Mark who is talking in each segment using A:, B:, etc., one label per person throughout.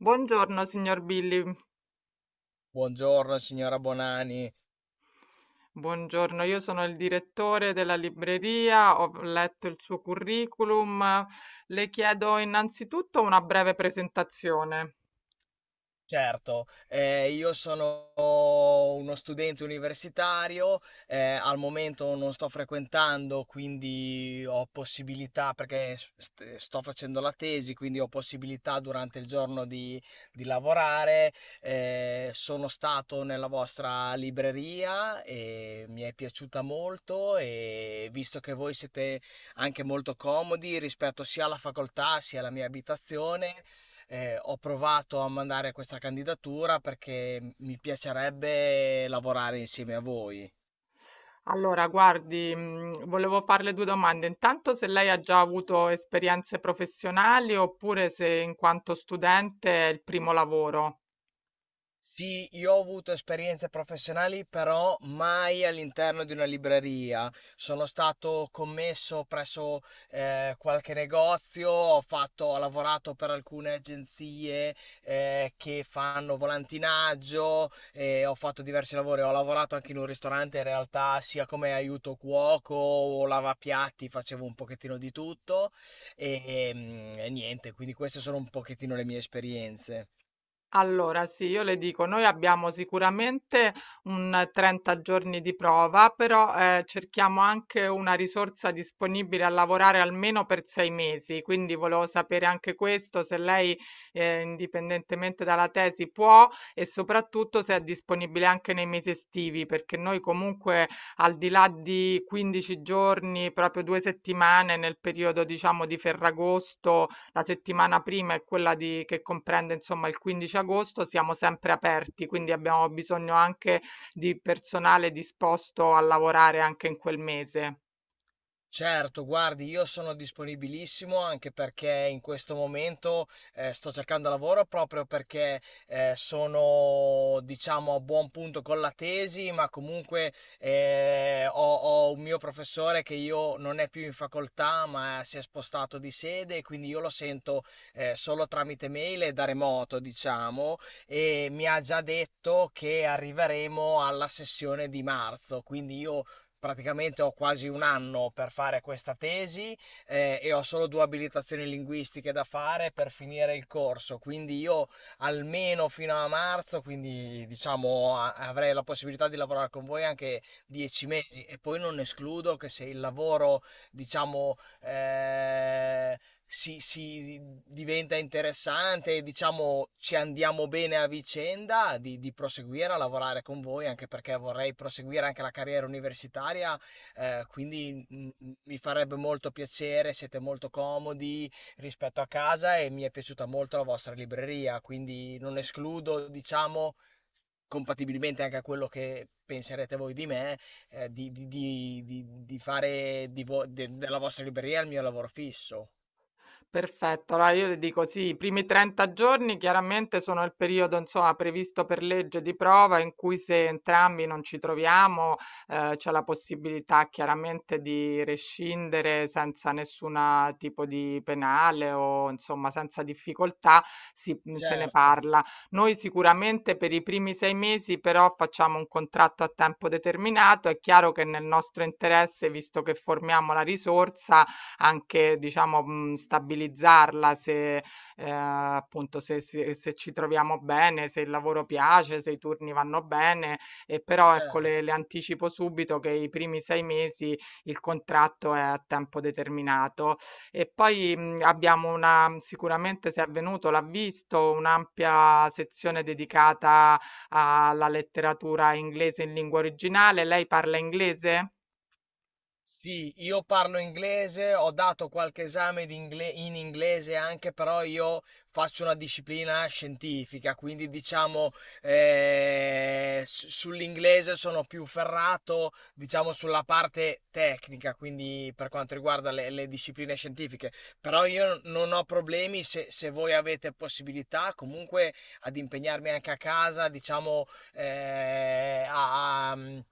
A: Buongiorno signor Billy,
B: Buongiorno signora Bonani,
A: buongiorno, io sono il direttore della libreria, ho letto il suo curriculum, le chiedo innanzitutto una breve presentazione.
B: certo, io sono uno studente universitario. Al momento non sto frequentando, quindi ho possibilità, perché sto facendo la tesi, quindi ho possibilità durante il giorno di lavorare. Sono stato nella vostra libreria e mi è piaciuta molto, e visto che voi siete anche molto comodi rispetto sia alla facoltà sia alla mia abitazione. Ho provato a mandare questa candidatura perché mi piacerebbe lavorare insieme a voi.
A: Allora, guardi, volevo farle due domande. Intanto se lei ha già avuto esperienze professionali oppure se in quanto studente è il primo lavoro.
B: Sì, io ho avuto esperienze professionali, però mai all'interno di una libreria. Sono stato commesso presso qualche negozio, ho lavorato per alcune agenzie che fanno volantinaggio. Ho fatto diversi lavori, ho lavorato anche in un ristorante in realtà, sia come aiuto cuoco o lavapiatti, facevo un pochettino di tutto e niente, quindi queste sono un pochettino le mie esperienze.
A: Allora, sì, io le dico, noi abbiamo sicuramente un 30 giorni di prova, però cerchiamo anche una risorsa disponibile a lavorare almeno per 6 mesi, quindi volevo sapere anche questo, se lei, indipendentemente dalla tesi, può e soprattutto se è disponibile anche nei mesi estivi, perché noi comunque al di là di 15 giorni, proprio 2 settimane nel periodo, diciamo, di Ferragosto, la settimana prima è quella di che comprende, insomma, il 15 agosto, siamo sempre aperti, quindi abbiamo bisogno anche di personale disposto a lavorare anche in quel mese.
B: Certo, guardi, io sono disponibilissimo anche perché in questo momento sto cercando lavoro proprio perché sono, diciamo, a buon punto con la tesi, ma comunque ho un mio professore che io non è più in facoltà, ma si è spostato di sede, e quindi io lo sento solo tramite mail e da remoto, diciamo, e mi ha già detto che arriveremo alla sessione di marzo, quindi io praticamente ho quasi un anno per fare questa tesi, e ho solo due abilitazioni linguistiche da fare per finire il corso, quindi io almeno fino a marzo, quindi diciamo avrei la possibilità di lavorare con voi anche 10 mesi, e poi non escludo che, se il lavoro, diciamo, si diventa interessante e diciamo ci andiamo bene a vicenda, di proseguire a lavorare con voi, anche perché vorrei proseguire anche la carriera universitaria, quindi mi farebbe molto piacere, siete molto comodi rispetto a casa e mi è piaciuta molto la vostra libreria, quindi non escludo, diciamo, compatibilmente anche a quello che penserete voi di me, di fare della vostra libreria il mio lavoro fisso.
A: Perfetto, allora io le dico sì, i primi 30 giorni chiaramente sono il periodo insomma previsto per legge di prova in cui, se entrambi non ci troviamo, c'è la possibilità chiaramente di rescindere senza nessun tipo di penale o insomma senza difficoltà, se ne
B: Certo,
A: parla. Noi sicuramente per i primi 6 mesi però facciamo un contratto a tempo determinato. È chiaro che nel nostro interesse, visto che formiamo la risorsa, anche, diciamo, stabilizzarla se, appunto, se ci troviamo bene, se il lavoro piace, se i turni vanno bene, e però ecco, le
B: certo.
A: le anticipo subito che i primi 6 mesi il contratto è a tempo determinato. E poi, abbiamo, una sicuramente se è venuto l'ha visto, un'ampia sezione dedicata alla letteratura inglese in lingua originale. Lei parla inglese?
B: Sì, io parlo inglese, ho dato qualche esame in inglese anche, però io faccio una disciplina scientifica, quindi diciamo sull'inglese sono più ferrato, diciamo sulla parte tecnica, quindi per quanto riguarda le discipline scientifiche. Però io non ho problemi se voi avete possibilità, comunque, ad impegnarmi anche a casa, diciamo eh, a a-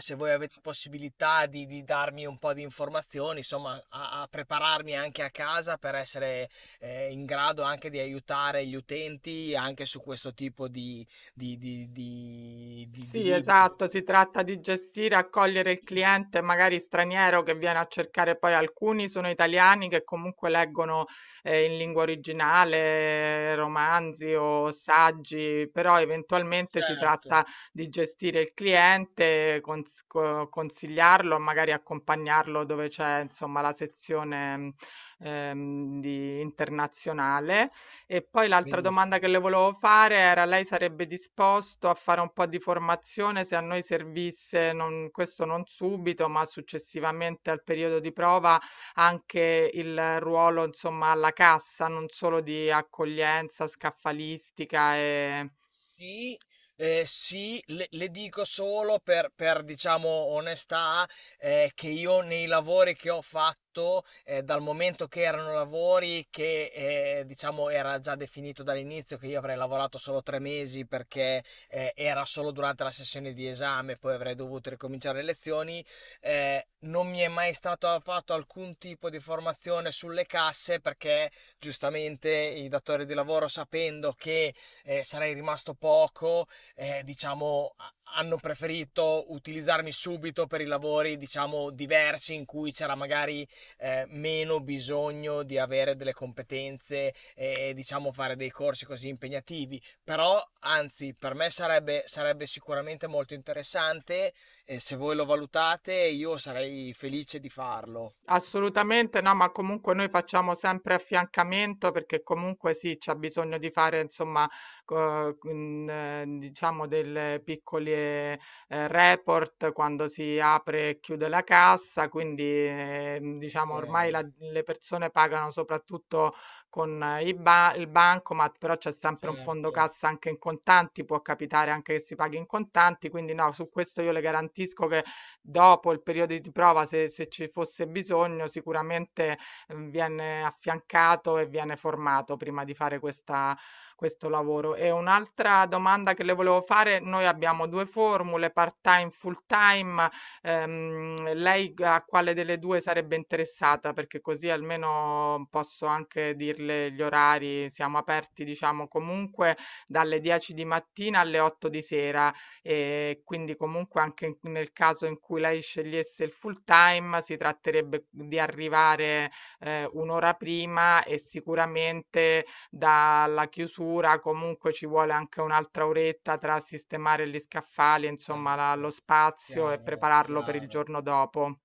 B: se voi avete possibilità di darmi un po' di informazioni, insomma, a prepararmi anche a casa per essere in grado anche di aiutare gli utenti anche su questo tipo di
A: Sì,
B: libri.
A: esatto, si tratta di gestire e accogliere il cliente magari straniero che viene a cercare, poi alcuni sono italiani che comunque leggono in lingua originale romanzi o saggi, però eventualmente si
B: Certo,
A: tratta di gestire il cliente, consigliarlo, magari accompagnarlo dove c'è, insomma, la sezione, di internazionale. E poi l'altra domanda che le
B: benissimo.
A: volevo fare era: lei sarebbe disposto a fare un po' di formazione, se a noi servisse, questo non subito, ma successivamente al periodo di prova, anche il ruolo, insomma, alla cassa, non solo di accoglienza, scaffalistica e.
B: Sì, sì, le dico solo diciamo, onestà, che io nei lavori che ho fatto, dal momento che erano lavori che diciamo, era già definito dall'inizio che io avrei lavorato solo 3 mesi, perché era solo durante la sessione di esame, poi avrei dovuto ricominciare le lezioni, non mi è mai stato fatto alcun tipo di formazione sulle casse perché, giustamente, i datori di lavoro, sapendo che sarei rimasto poco, diciamo, hanno preferito utilizzarmi subito per i lavori, diciamo, diversi, in cui c'era magari meno bisogno di avere delle competenze e, diciamo, fare dei corsi così impegnativi. Però, anzi, per me sarebbe sicuramente molto interessante, e se voi lo valutate, io sarei felice di farlo.
A: Assolutamente no, ma comunque noi facciamo sempre affiancamento, perché comunque sì, c'è bisogno di fare, insomma, diciamo, delle piccole report quando si apre e chiude la cassa, quindi,
B: Ok,
A: diciamo, ormai le persone pagano soprattutto con il bancomat, però c'è sempre un fondo
B: certo,
A: cassa anche in contanti, può capitare anche che si paghi in contanti, quindi no, su questo io le garantisco che, dopo il periodo di prova, se ci fosse bisogno, sicuramente, viene affiancato e viene formato prima di fare questa questo lavoro. E un'altra domanda che le volevo fare: noi abbiamo 2 formule, part-time, full-time. Lei g a quale delle 2 sarebbe interessata? Perché così almeno posso anche dirle gli orari. Siamo aperti, diciamo, comunque dalle 10 di mattina alle 8 di sera. E quindi comunque, anche nel caso in cui lei scegliesse il full time, si tratterebbe di arrivare un'ora prima, e sicuramente dalla chiusura comunque ci vuole anche un'altra oretta tra sistemare gli scaffali, insomma, lo
B: certo,
A: spazio, e
B: chiaro,
A: prepararlo per il
B: chiaro.
A: giorno dopo.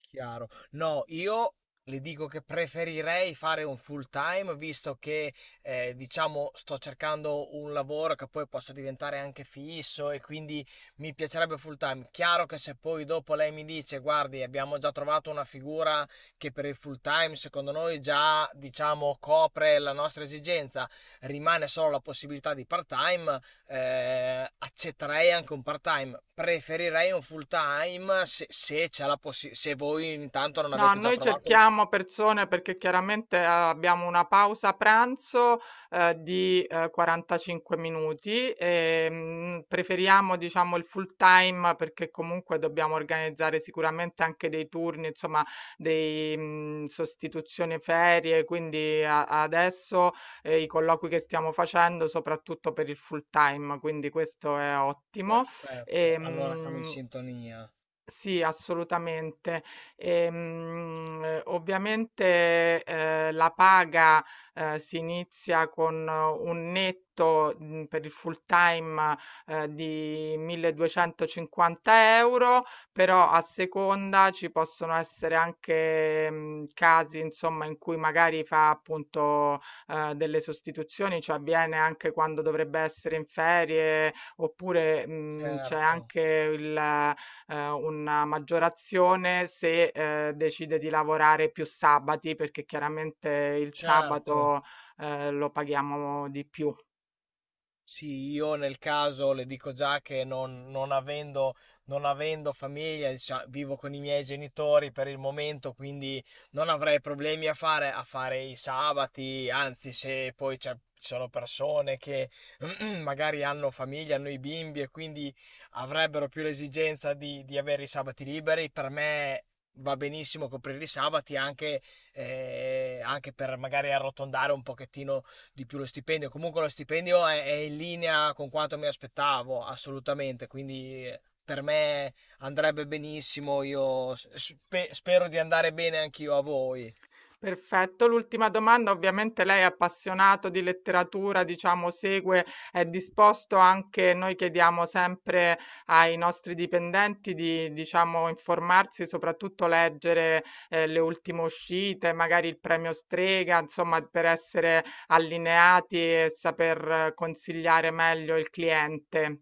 B: Chiaro. No, io le dico che preferirei fare un full time, visto che diciamo sto cercando un lavoro che poi possa diventare anche fisso, e quindi mi piacerebbe full time. Chiaro che, se poi dopo lei mi dice, guardi, abbiamo già trovato una figura che per il full time secondo noi già diciamo copre la nostra esigenza, rimane solo la possibilità di part time, accetterei anche un part-time, preferirei un full-time se, se c'è la possi- se voi intanto non
A: No,
B: avete già
A: noi
B: trovato.
A: cerchiamo persone perché chiaramente abbiamo una pausa pranzo di 45 minuti, e preferiamo, diciamo, il full time, perché comunque dobbiamo organizzare sicuramente anche dei turni, insomma, dei sostituzioni ferie, quindi adesso i colloqui che stiamo facendo soprattutto per il full time, quindi questo è ottimo. E,
B: Perfetto, allora siamo in sintonia.
A: sì, assolutamente. Ovviamente, la paga, si inizia con un netto, per il full time, di 1.250 €, però, a seconda, ci possono essere anche, casi, insomma, in cui magari fa, appunto, delle sostituzioni, cioè viene anche quando dovrebbe essere in ferie, oppure, c'è
B: Certo,
A: anche il una maggiore azione se, decide di lavorare più sabati, perché chiaramente il
B: certo.
A: sabato, lo paghiamo di più.
B: Sì, io nel caso le dico già che non avendo famiglia, vivo con i miei genitori per il momento, quindi non avrei problemi a fare i sabati, anzi, se poi ci sono persone che magari hanno famiglia, hanno i bimbi e quindi avrebbero più l'esigenza di avere i sabati liberi, per me va benissimo coprire i sabati anche, anche per magari arrotondare un pochettino di più lo stipendio. Comunque lo stipendio è in linea con quanto mi aspettavo, assolutamente. Quindi per me andrebbe benissimo. Io spero di andare bene anch'io a voi.
A: Perfetto. L'ultima domanda: ovviamente lei è appassionato di letteratura, diciamo, segue, è disposto anche, noi chiediamo sempre ai nostri dipendenti di, diciamo, informarsi, soprattutto leggere, le ultime uscite, magari il premio Strega, insomma, per essere allineati e saper consigliare meglio il cliente.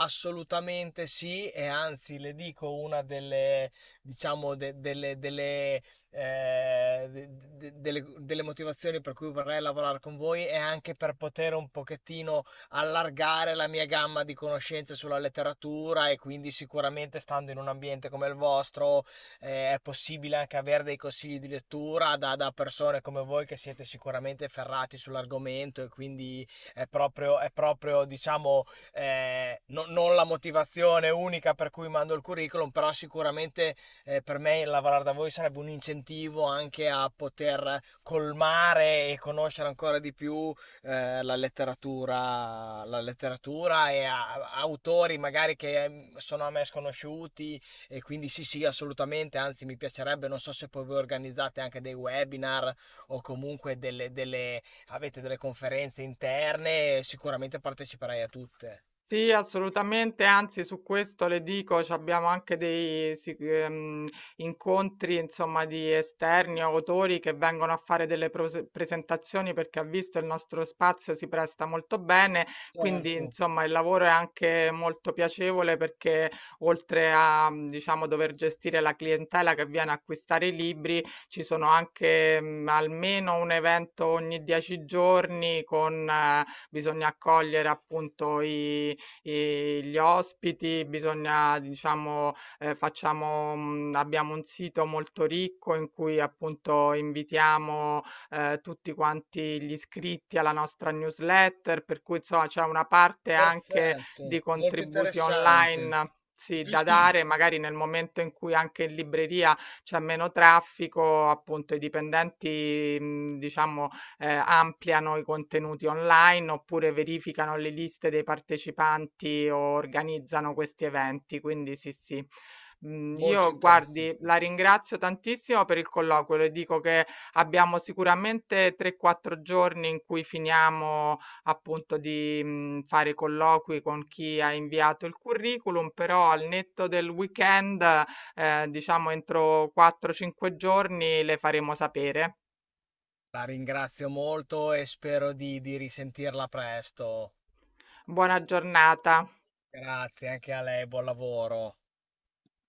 B: Assolutamente sì, e anzi le dico una delle, diciamo, de- delle, delle, de- de- delle- delle motivazioni per cui vorrei lavorare con voi è anche per poter un pochettino allargare la mia gamma di conoscenze sulla letteratura, e quindi sicuramente stando in un ambiente come il vostro, è possibile anche avere dei consigli di lettura da persone come voi che siete sicuramente ferrati sull'argomento, e quindi è proprio, diciamo, non la motivazione unica per cui mando il curriculum, però sicuramente per me lavorare da voi sarebbe un incentivo anche a poter colmare e conoscere ancora di più la letteratura, e a autori magari che sono a me sconosciuti, e quindi sì, sì, assolutamente, anzi mi piacerebbe, non so se poi voi organizzate anche dei webinar o comunque avete delle conferenze interne, sicuramente parteciperai a tutte.
A: Sì, assolutamente, anzi su questo le dico, ci abbiamo anche dei incontri, insomma, di esterni, o autori che vengono a fare delle presentazioni, perché ha visto, il nostro spazio si presta molto bene, quindi
B: Certo,
A: insomma il lavoro è anche molto piacevole perché, oltre a, diciamo, dover gestire la clientela che viene a acquistare i libri, ci sono anche, almeno un evento ogni 10 giorni. Bisogna accogliere, appunto, i gli ospiti, bisogna, diciamo, abbiamo un sito molto ricco in cui appunto invitiamo, tutti quanti gli iscritti alla nostra newsletter, per cui insomma c'è una parte anche di
B: perfetto, molto
A: contributi
B: interessante.
A: online, sì, da dare, magari nel momento in cui anche in libreria c'è meno traffico, appunto i dipendenti, diciamo, ampliano i contenuti online oppure verificano le liste dei partecipanti o organizzano questi eventi. Quindi sì, sì. Mhmm,
B: Molto
A: io guardi,
B: interessante.
A: la ringrazio tantissimo per il colloquio. Le dico che abbiamo sicuramente 3, 4 giorni in cui finiamo, appunto, di, fare colloqui con chi ha inviato il curriculum, però, al netto del weekend, diciamo entro 4, 5 giorni le faremo sapere.
B: La ringrazio molto e spero di risentirla presto.
A: Buona giornata.
B: Grazie anche a lei, buon lavoro.